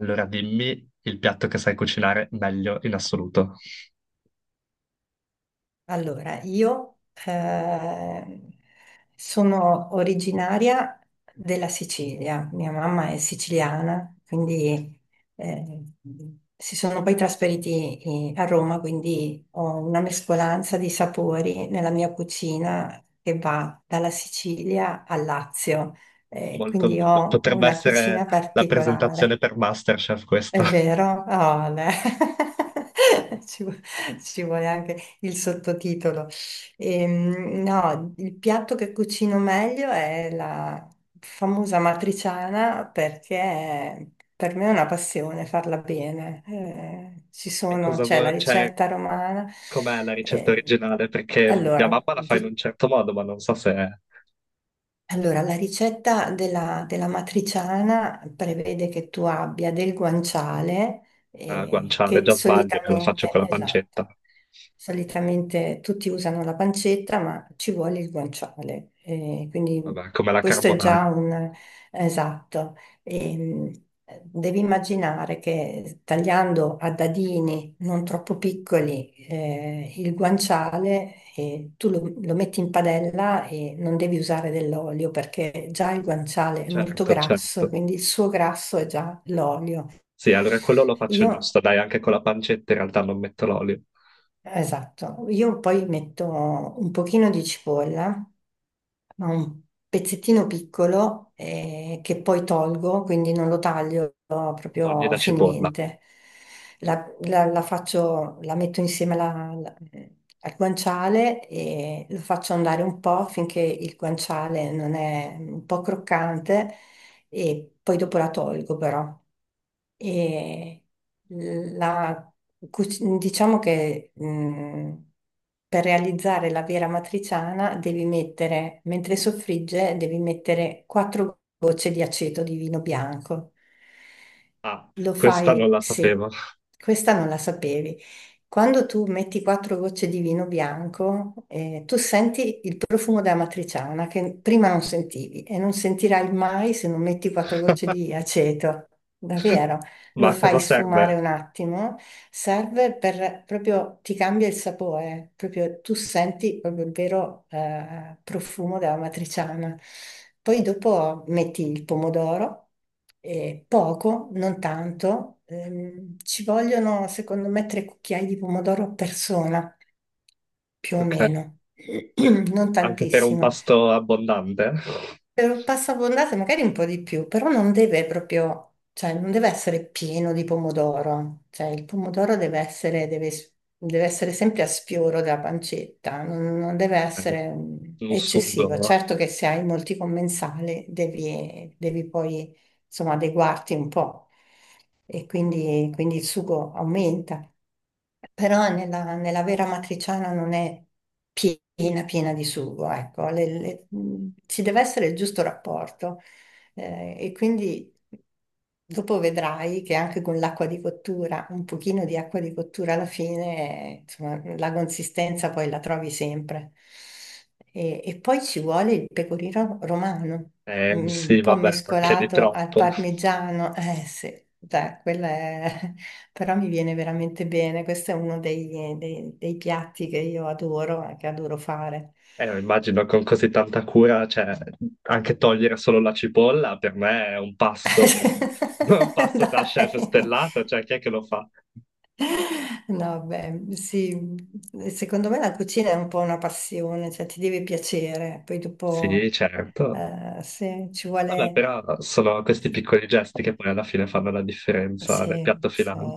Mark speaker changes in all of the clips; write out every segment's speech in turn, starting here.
Speaker 1: Allora dimmi il piatto che sai cucinare meglio in assoluto.
Speaker 2: Allora, io eh, sono originaria della Sicilia, mia mamma è siciliana, quindi eh, si sono poi trasferiti a Roma, quindi ho una mescolanza di sapori nella mia cucina che va dalla Sicilia al Lazio,
Speaker 1: Molto
Speaker 2: quindi
Speaker 1: bello.
Speaker 2: ho
Speaker 1: Potrebbe
Speaker 2: una
Speaker 1: essere
Speaker 2: cucina
Speaker 1: la
Speaker 2: particolare.
Speaker 1: presentazione per MasterChef questa.
Speaker 2: È vero? Oh, no. Ci, vu- ci vuole anche il sottotitolo. No, il piatto che cucino meglio è la famosa matriciana perché per me è una passione farla bene.
Speaker 1: E cosa
Speaker 2: C'è la
Speaker 1: vuoi, cioè,
Speaker 2: ricetta romana.
Speaker 1: com'è la ricetta
Speaker 2: Ehm,
Speaker 1: originale? Perché mia mamma
Speaker 2: allora,
Speaker 1: la fa in un certo modo, ma non so se è
Speaker 2: allora, la ricetta della matriciana prevede che tu abbia del guanciale,
Speaker 1: a guanciale,
Speaker 2: che
Speaker 1: già sbaglio, che la faccio
Speaker 2: solitamente,
Speaker 1: con la pancetta.
Speaker 2: esatto, solitamente tutti usano la pancetta, ma ci vuole il guanciale. Eh, quindi
Speaker 1: Vabbè, come la
Speaker 2: questo è già
Speaker 1: carbonara.
Speaker 2: un, esatto, e, devi immaginare che tagliando a dadini non troppo piccoli il guanciale, lo metti in padella e non devi usare dell'olio perché già il guanciale è molto
Speaker 1: Certo,
Speaker 2: grasso,
Speaker 1: certo.
Speaker 2: quindi il suo grasso è già l'olio.
Speaker 1: Sì, allora quello lo faccio
Speaker 2: Io,
Speaker 1: giusto, dai, anche con la pancetta in realtà non metto l'olio.
Speaker 2: esatto, io poi metto un pochino di cipolla ma un pezzettino piccolo che poi tolgo, quindi non lo taglio
Speaker 1: Togli
Speaker 2: proprio
Speaker 1: la cipolla.
Speaker 2: finemente. La faccio, la metto insieme al guanciale e lo faccio andare un po' finché il guanciale non è un po' croccante e poi dopo la tolgo però. E la- diciamo che per realizzare la vera matriciana devi mettere, mentre soffrigge, devi mettere 4 gocce di aceto di vino bianco.
Speaker 1: Ah,
Speaker 2: Lo
Speaker 1: questa non
Speaker 2: fai,
Speaker 1: la
Speaker 2: sì,
Speaker 1: sapevo.
Speaker 2: questa non la sapevi. Quando tu metti 4 gocce di vino bianco, tu senti il profumo della matriciana che prima non sentivi e non sentirai mai se non metti 4 gocce di aceto. Davvero?
Speaker 1: Ma
Speaker 2: Lo
Speaker 1: a
Speaker 2: fai
Speaker 1: cosa serve?
Speaker 2: sfumare un attimo, serve per proprio ti cambia il sapore, proprio tu senti proprio il vero profumo della matriciana. Poi dopo metti il pomodoro, poco, non tanto, ci vogliono secondo me 3 cucchiai di pomodoro a persona, più o
Speaker 1: Ok,
Speaker 2: meno, non
Speaker 1: anche per un
Speaker 2: tantissimo
Speaker 1: pasto abbondante.
Speaker 2: per passabondate magari un po' di più, però non deve proprio, cioè non deve essere pieno di pomodoro, cioè il pomodoro deve essere, deve, deve essere sempre a sfioro della pancetta, non, non deve
Speaker 1: Ok,
Speaker 2: essere
Speaker 1: un
Speaker 2: eccessivo.
Speaker 1: sugo,
Speaker 2: Certo che se hai molti commensali devi, devi poi insomma adeguarti un po' e quindi, quindi il sugo aumenta, però nella vera matriciana non è piena, piena di sugo, ecco, ci deve essere il giusto rapporto e quindi dopo vedrai che anche con l'acqua di cottura, un pochino di acqua di cottura alla fine, insomma, la consistenza poi la trovi sempre. E poi ci vuole il pecorino romano, mm,
Speaker 1: sì,
Speaker 2: un po'
Speaker 1: vabbè, perché di
Speaker 2: mescolato al
Speaker 1: troppo.
Speaker 2: parmigiano, eh sì, dai, quella è però mi viene veramente bene. Questo è uno dei piatti che io adoro e che adoro fare.
Speaker 1: Immagino con così tanta cura, cioè, anche togliere solo la cipolla per me è un passo, un passo da
Speaker 2: Dai.
Speaker 1: chef stellato, cioè, chi è che lo fa?
Speaker 2: No, beh, sì, secondo me la cucina è un po' una passione, cioè ti deve piacere, poi
Speaker 1: Sì,
Speaker 2: dopo
Speaker 1: certo.
Speaker 2: se ci
Speaker 1: Vabbè,
Speaker 2: vuole...
Speaker 1: però sono questi piccoli gesti che poi alla fine fanno la differenza nel piatto
Speaker 2: Sì, sì.
Speaker 1: finale.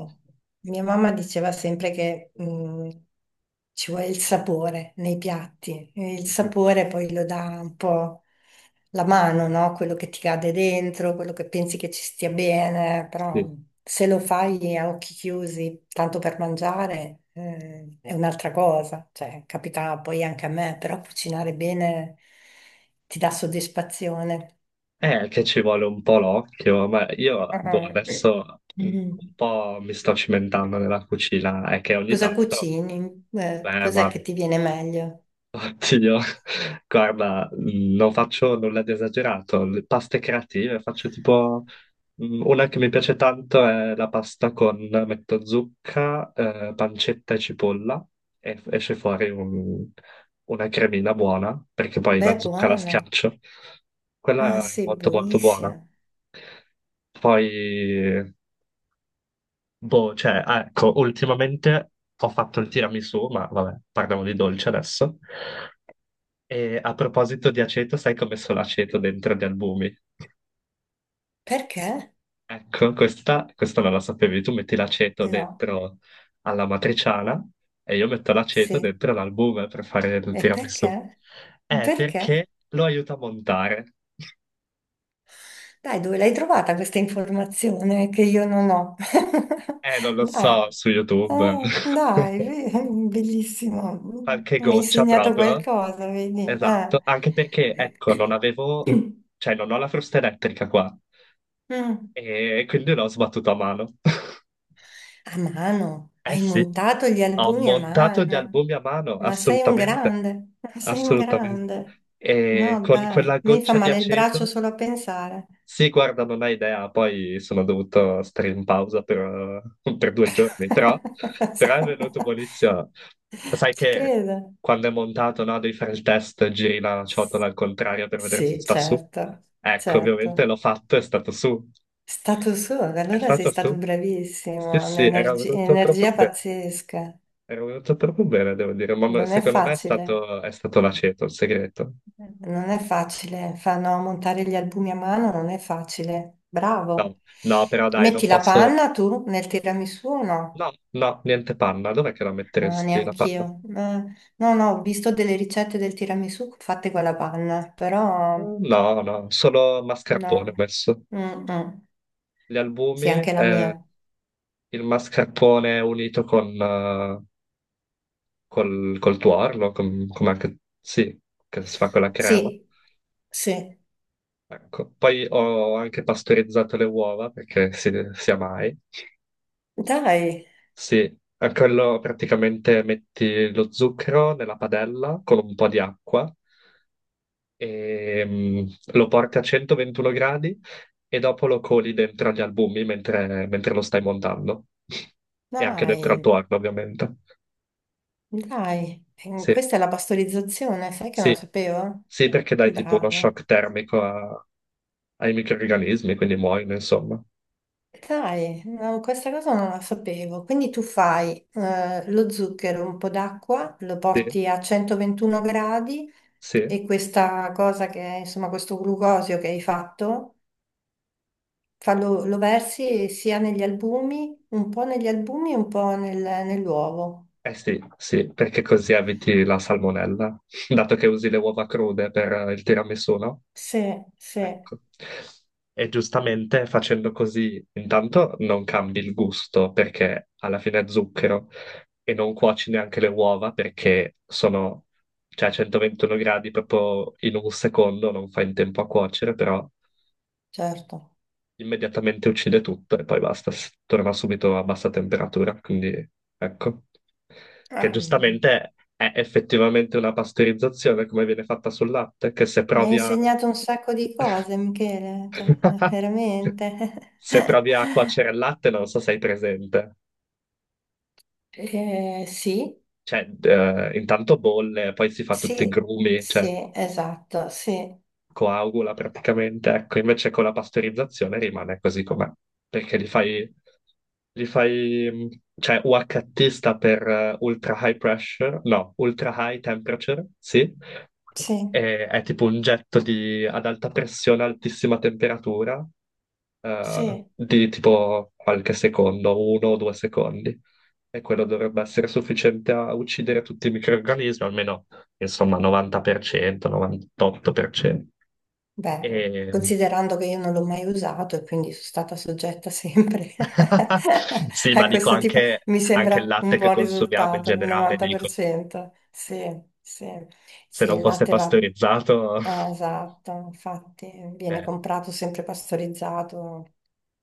Speaker 2: Mia mamma diceva sempre che ci vuole il sapore nei piatti, e il
Speaker 1: Mhm.
Speaker 2: sapore poi lo dà un po' la mano, no? Quello che ti cade dentro, quello che pensi che ci stia bene, però
Speaker 1: Sì.
Speaker 2: se lo fai a occhi chiusi, tanto per mangiare, è un'altra cosa, cioè capita poi anche a me, però cucinare bene ti dà soddisfazione.
Speaker 1: Che ci vuole un po' l'occhio, ma io boh,
Speaker 2: Ah.
Speaker 1: adesso un
Speaker 2: Mm.
Speaker 1: po' mi sto cimentando nella cucina, è che ogni
Speaker 2: Cosa
Speaker 1: tanto,
Speaker 2: cucini?
Speaker 1: beh,
Speaker 2: Cos'è
Speaker 1: ma
Speaker 2: che ti viene meglio?
Speaker 1: oddio, guarda, non faccio nulla di esagerato. Le paste creative, faccio tipo una che mi piace tanto è la pasta con metto zucca, pancetta e cipolla e esce fuori una cremina buona perché poi
Speaker 2: Beh,
Speaker 1: la zucca la
Speaker 2: buona.
Speaker 1: schiaccio.
Speaker 2: Ah,
Speaker 1: Quella è
Speaker 2: sì,
Speaker 1: molto molto buona.
Speaker 2: buonissima.
Speaker 1: Poi, boh, cioè, ah, ecco, ultimamente ho fatto il tiramisù, ma vabbè, parliamo di dolce adesso. E a proposito di aceto, sai come messo l'aceto dentro gli albumi?
Speaker 2: Perché?
Speaker 1: Ecco, questa non la sapevi. Tu metti l'aceto
Speaker 2: No.
Speaker 1: dentro alla matriciana e io metto l'aceto
Speaker 2: Sì.
Speaker 1: dentro l'albume per fare il
Speaker 2: E
Speaker 1: tiramisù.
Speaker 2: perché? Perché?
Speaker 1: Perché lo aiuta a montare.
Speaker 2: Dai, dove l'hai trovata questa informazione che io non ho?
Speaker 1: Non lo so,
Speaker 2: Dai.
Speaker 1: su YouTube.
Speaker 2: Oh, dai, be- bellissimo.
Speaker 1: Qualche
Speaker 2: Mi hai
Speaker 1: goccia
Speaker 2: insegnato
Speaker 1: proprio.
Speaker 2: qualcosa, vedi?
Speaker 1: Esatto. Anche perché, ecco, non avevo... Cioè, non ho la frusta elettrica qua.
Speaker 2: Mm.
Speaker 1: E quindi l'ho sbattuto a mano.
Speaker 2: A mano,
Speaker 1: Eh
Speaker 2: hai
Speaker 1: sì.
Speaker 2: montato gli
Speaker 1: Ho
Speaker 2: albumi a
Speaker 1: montato gli
Speaker 2: mano.
Speaker 1: albumi a mano,
Speaker 2: Ma sei un
Speaker 1: assolutamente,
Speaker 2: grande, ma sei un
Speaker 1: assolutamente.
Speaker 2: grande.
Speaker 1: E
Speaker 2: No,
Speaker 1: con
Speaker 2: beh,
Speaker 1: quella
Speaker 2: mi fa
Speaker 1: goccia di
Speaker 2: male il braccio
Speaker 1: aceto,
Speaker 2: solo a pensare.
Speaker 1: sì, guarda, non hai idea, poi sono dovuto stare in pausa per, per 2 giorni, però, però è venuto buonissimo. Sai
Speaker 2: Ci
Speaker 1: che
Speaker 2: credo.
Speaker 1: quando è montato, no, devi fare il test, giri la ciotola al contrario per vedere se
Speaker 2: Sì,
Speaker 1: sta su.
Speaker 2: certo,
Speaker 1: Ecco, ovviamente
Speaker 2: certo.
Speaker 1: l'ho fatto, è stato su.
Speaker 2: È stato suo,
Speaker 1: È
Speaker 2: allora sei
Speaker 1: stato
Speaker 2: stato
Speaker 1: su? Sì,
Speaker 2: bravissimo,
Speaker 1: sì, era
Speaker 2: un'energia
Speaker 1: venuto proprio
Speaker 2: energia
Speaker 1: bene.
Speaker 2: pazzesca.
Speaker 1: È venuto proprio bene, devo dire, ma
Speaker 2: Non è
Speaker 1: secondo me
Speaker 2: facile.
Speaker 1: è stato l'aceto, il segreto.
Speaker 2: Non è facile, fanno montare gli albumi a mano, non è facile.
Speaker 1: No,
Speaker 2: Bravo.
Speaker 1: no, però dai, non
Speaker 2: Metti la
Speaker 1: posso...
Speaker 2: panna tu nel tiramisù o no?
Speaker 1: No, no, niente panna. Dov'è che la
Speaker 2: No,
Speaker 1: metteresti la panna?
Speaker 2: neanch'io. No, no, ho visto delle ricette del tiramisù fatte con la panna, però
Speaker 1: No, no, solo mascarpone ho
Speaker 2: no.
Speaker 1: messo.
Speaker 2: Mm, mm.
Speaker 1: Gli
Speaker 2: Sì,
Speaker 1: albumi,
Speaker 2: anche la mia.
Speaker 1: il mascarpone unito con, col tuorlo, come anche... Sì, che si fa con la crema.
Speaker 2: Sì, sì.
Speaker 1: Ecco. Poi ho anche pastorizzato le uova, perché si, sia mai.
Speaker 2: Dai,
Speaker 1: Sì, a quello praticamente metti lo zucchero nella padella con un po' di acqua e lo porti a 121 gradi e dopo lo coli dentro agli albumi mentre lo stai montando. E anche dentro al
Speaker 2: dai,
Speaker 1: tuo forno, ovviamente.
Speaker 2: dai.
Speaker 1: Sì,
Speaker 2: Questa è la pastorizzazione, sai che non lo
Speaker 1: sì,
Speaker 2: sapevo?
Speaker 1: sì, perché
Speaker 2: Che
Speaker 1: dai tipo uno
Speaker 2: bravo.
Speaker 1: shock termico ai microrganismi, quindi muoiono, insomma.
Speaker 2: Dai, no, questa cosa non la sapevo. Quindi tu fai lo zucchero, un po' d'acqua, lo
Speaker 1: Sì,
Speaker 2: porti a 121 gradi
Speaker 1: sì.
Speaker 2: e questa cosa che è, insomma, questo glucosio che hai fatto, lo versi sia negli albumi, un po' negli albumi e un po' nell'uovo.
Speaker 1: Eh sì, sì, perché così eviti la salmonella, dato che usi le uova crude per il tiramisù, no?
Speaker 2: Sì, sì,
Speaker 1: Ecco. E giustamente facendo così, intanto non cambi il gusto perché alla fine è zucchero e non cuoci neanche le uova perché sono, cioè, a 121 gradi proprio in un secondo, non fai in tempo a cuocere, però
Speaker 2: certo.
Speaker 1: immediatamente uccide tutto e poi basta, torna subito a bassa temperatura, quindi ecco che
Speaker 2: Ah,
Speaker 1: giustamente è effettivamente una pastorizzazione come viene fatta sul latte, che se
Speaker 2: mi hai
Speaker 1: provi a...
Speaker 2: insegnato un sacco di cose, Michele, cioè, veramente.
Speaker 1: Se provi a cuocere il latte non so se hai presente.
Speaker 2: Sì.
Speaker 1: Cioè, intanto bolle, poi si fa tutti i
Speaker 2: Sì,
Speaker 1: grumi, cioè
Speaker 2: sì, esatto, sì,
Speaker 1: coagula praticamente, ecco, invece con la pastorizzazione rimane così com'è, perché li fai, cioè UHT sta per ultra high pressure, no, ultra high temperature, sì.
Speaker 2: sì,
Speaker 1: E è tipo un getto di, ad alta pressione, altissima temperatura,
Speaker 2: sì.
Speaker 1: di tipo qualche secondo, 1 o 2 secondi. E quello dovrebbe essere sufficiente a uccidere tutti i microrganismi, almeno insomma 90%, 98%.
Speaker 2: Beh,
Speaker 1: E...
Speaker 2: considerando che io non l'ho mai usato e quindi sono stata soggetta sempre
Speaker 1: Sì, ma
Speaker 2: a
Speaker 1: dico
Speaker 2: questo tipo,
Speaker 1: anche,
Speaker 2: mi
Speaker 1: anche il
Speaker 2: sembra un
Speaker 1: latte che
Speaker 2: buon
Speaker 1: consumiamo in
Speaker 2: risultato, il
Speaker 1: generale, dico,
Speaker 2: 90%. Sì, sì,
Speaker 1: se
Speaker 2: sì,
Speaker 1: non
Speaker 2: il
Speaker 1: fosse
Speaker 2: latte va,
Speaker 1: pastorizzato,
Speaker 2: esatto, infatti viene
Speaker 1: eh,
Speaker 2: comprato sempre pastorizzato,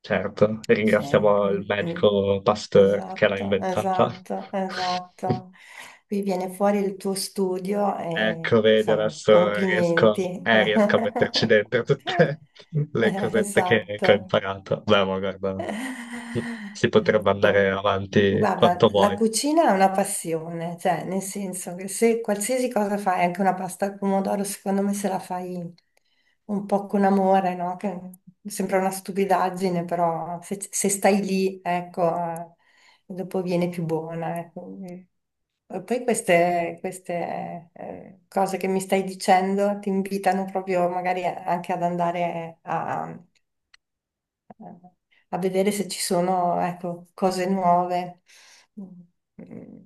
Speaker 1: certo,
Speaker 2: sì,
Speaker 1: ringraziamo
Speaker 2: mm,
Speaker 1: il
Speaker 2: mm.
Speaker 1: medico Pasteur che l'ha
Speaker 2: Esatto,
Speaker 1: inventata.
Speaker 2: esatto, esatto. Qui viene fuori il tuo studio e
Speaker 1: Ecco, vedi,
Speaker 2: insomma,
Speaker 1: adesso riesco,
Speaker 2: complimenti.
Speaker 1: riesco a metterci dentro tutte le cosette che ho
Speaker 2: Esatto.
Speaker 1: imparato. Beh, ma guarda, si potrebbe andare
Speaker 2: Com-
Speaker 1: avanti
Speaker 2: guarda,
Speaker 1: quanto
Speaker 2: la
Speaker 1: vuoi.
Speaker 2: cucina è una passione, cioè nel senso che se qualsiasi cosa fai, anche una pasta al pomodoro, secondo me se la fai un po' con amore, no? Che sembra una stupidaggine, però se, se stai lì, ecco, dopo viene più buona. Ecco. E poi queste, cose che mi stai dicendo ti invitano proprio magari anche ad andare a eh, a vedere se ci sono, ecco, cose nuove. Mm,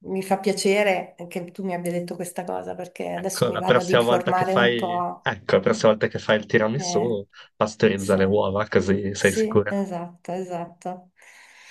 Speaker 2: mi fa piacere che tu mi abbia detto questa cosa perché adesso
Speaker 1: Ecco,
Speaker 2: mi
Speaker 1: la
Speaker 2: vado ad
Speaker 1: prossima volta che
Speaker 2: informare un
Speaker 1: fai,
Speaker 2: po'.
Speaker 1: ecco, la prossima
Speaker 2: Sì.
Speaker 1: volta che fai il
Speaker 2: Eh,
Speaker 1: tiramisù, pastorizza
Speaker 2: sì.
Speaker 1: le uova, così sei
Speaker 2: Sì,
Speaker 1: sicuro.
Speaker 2: esatto, esatto.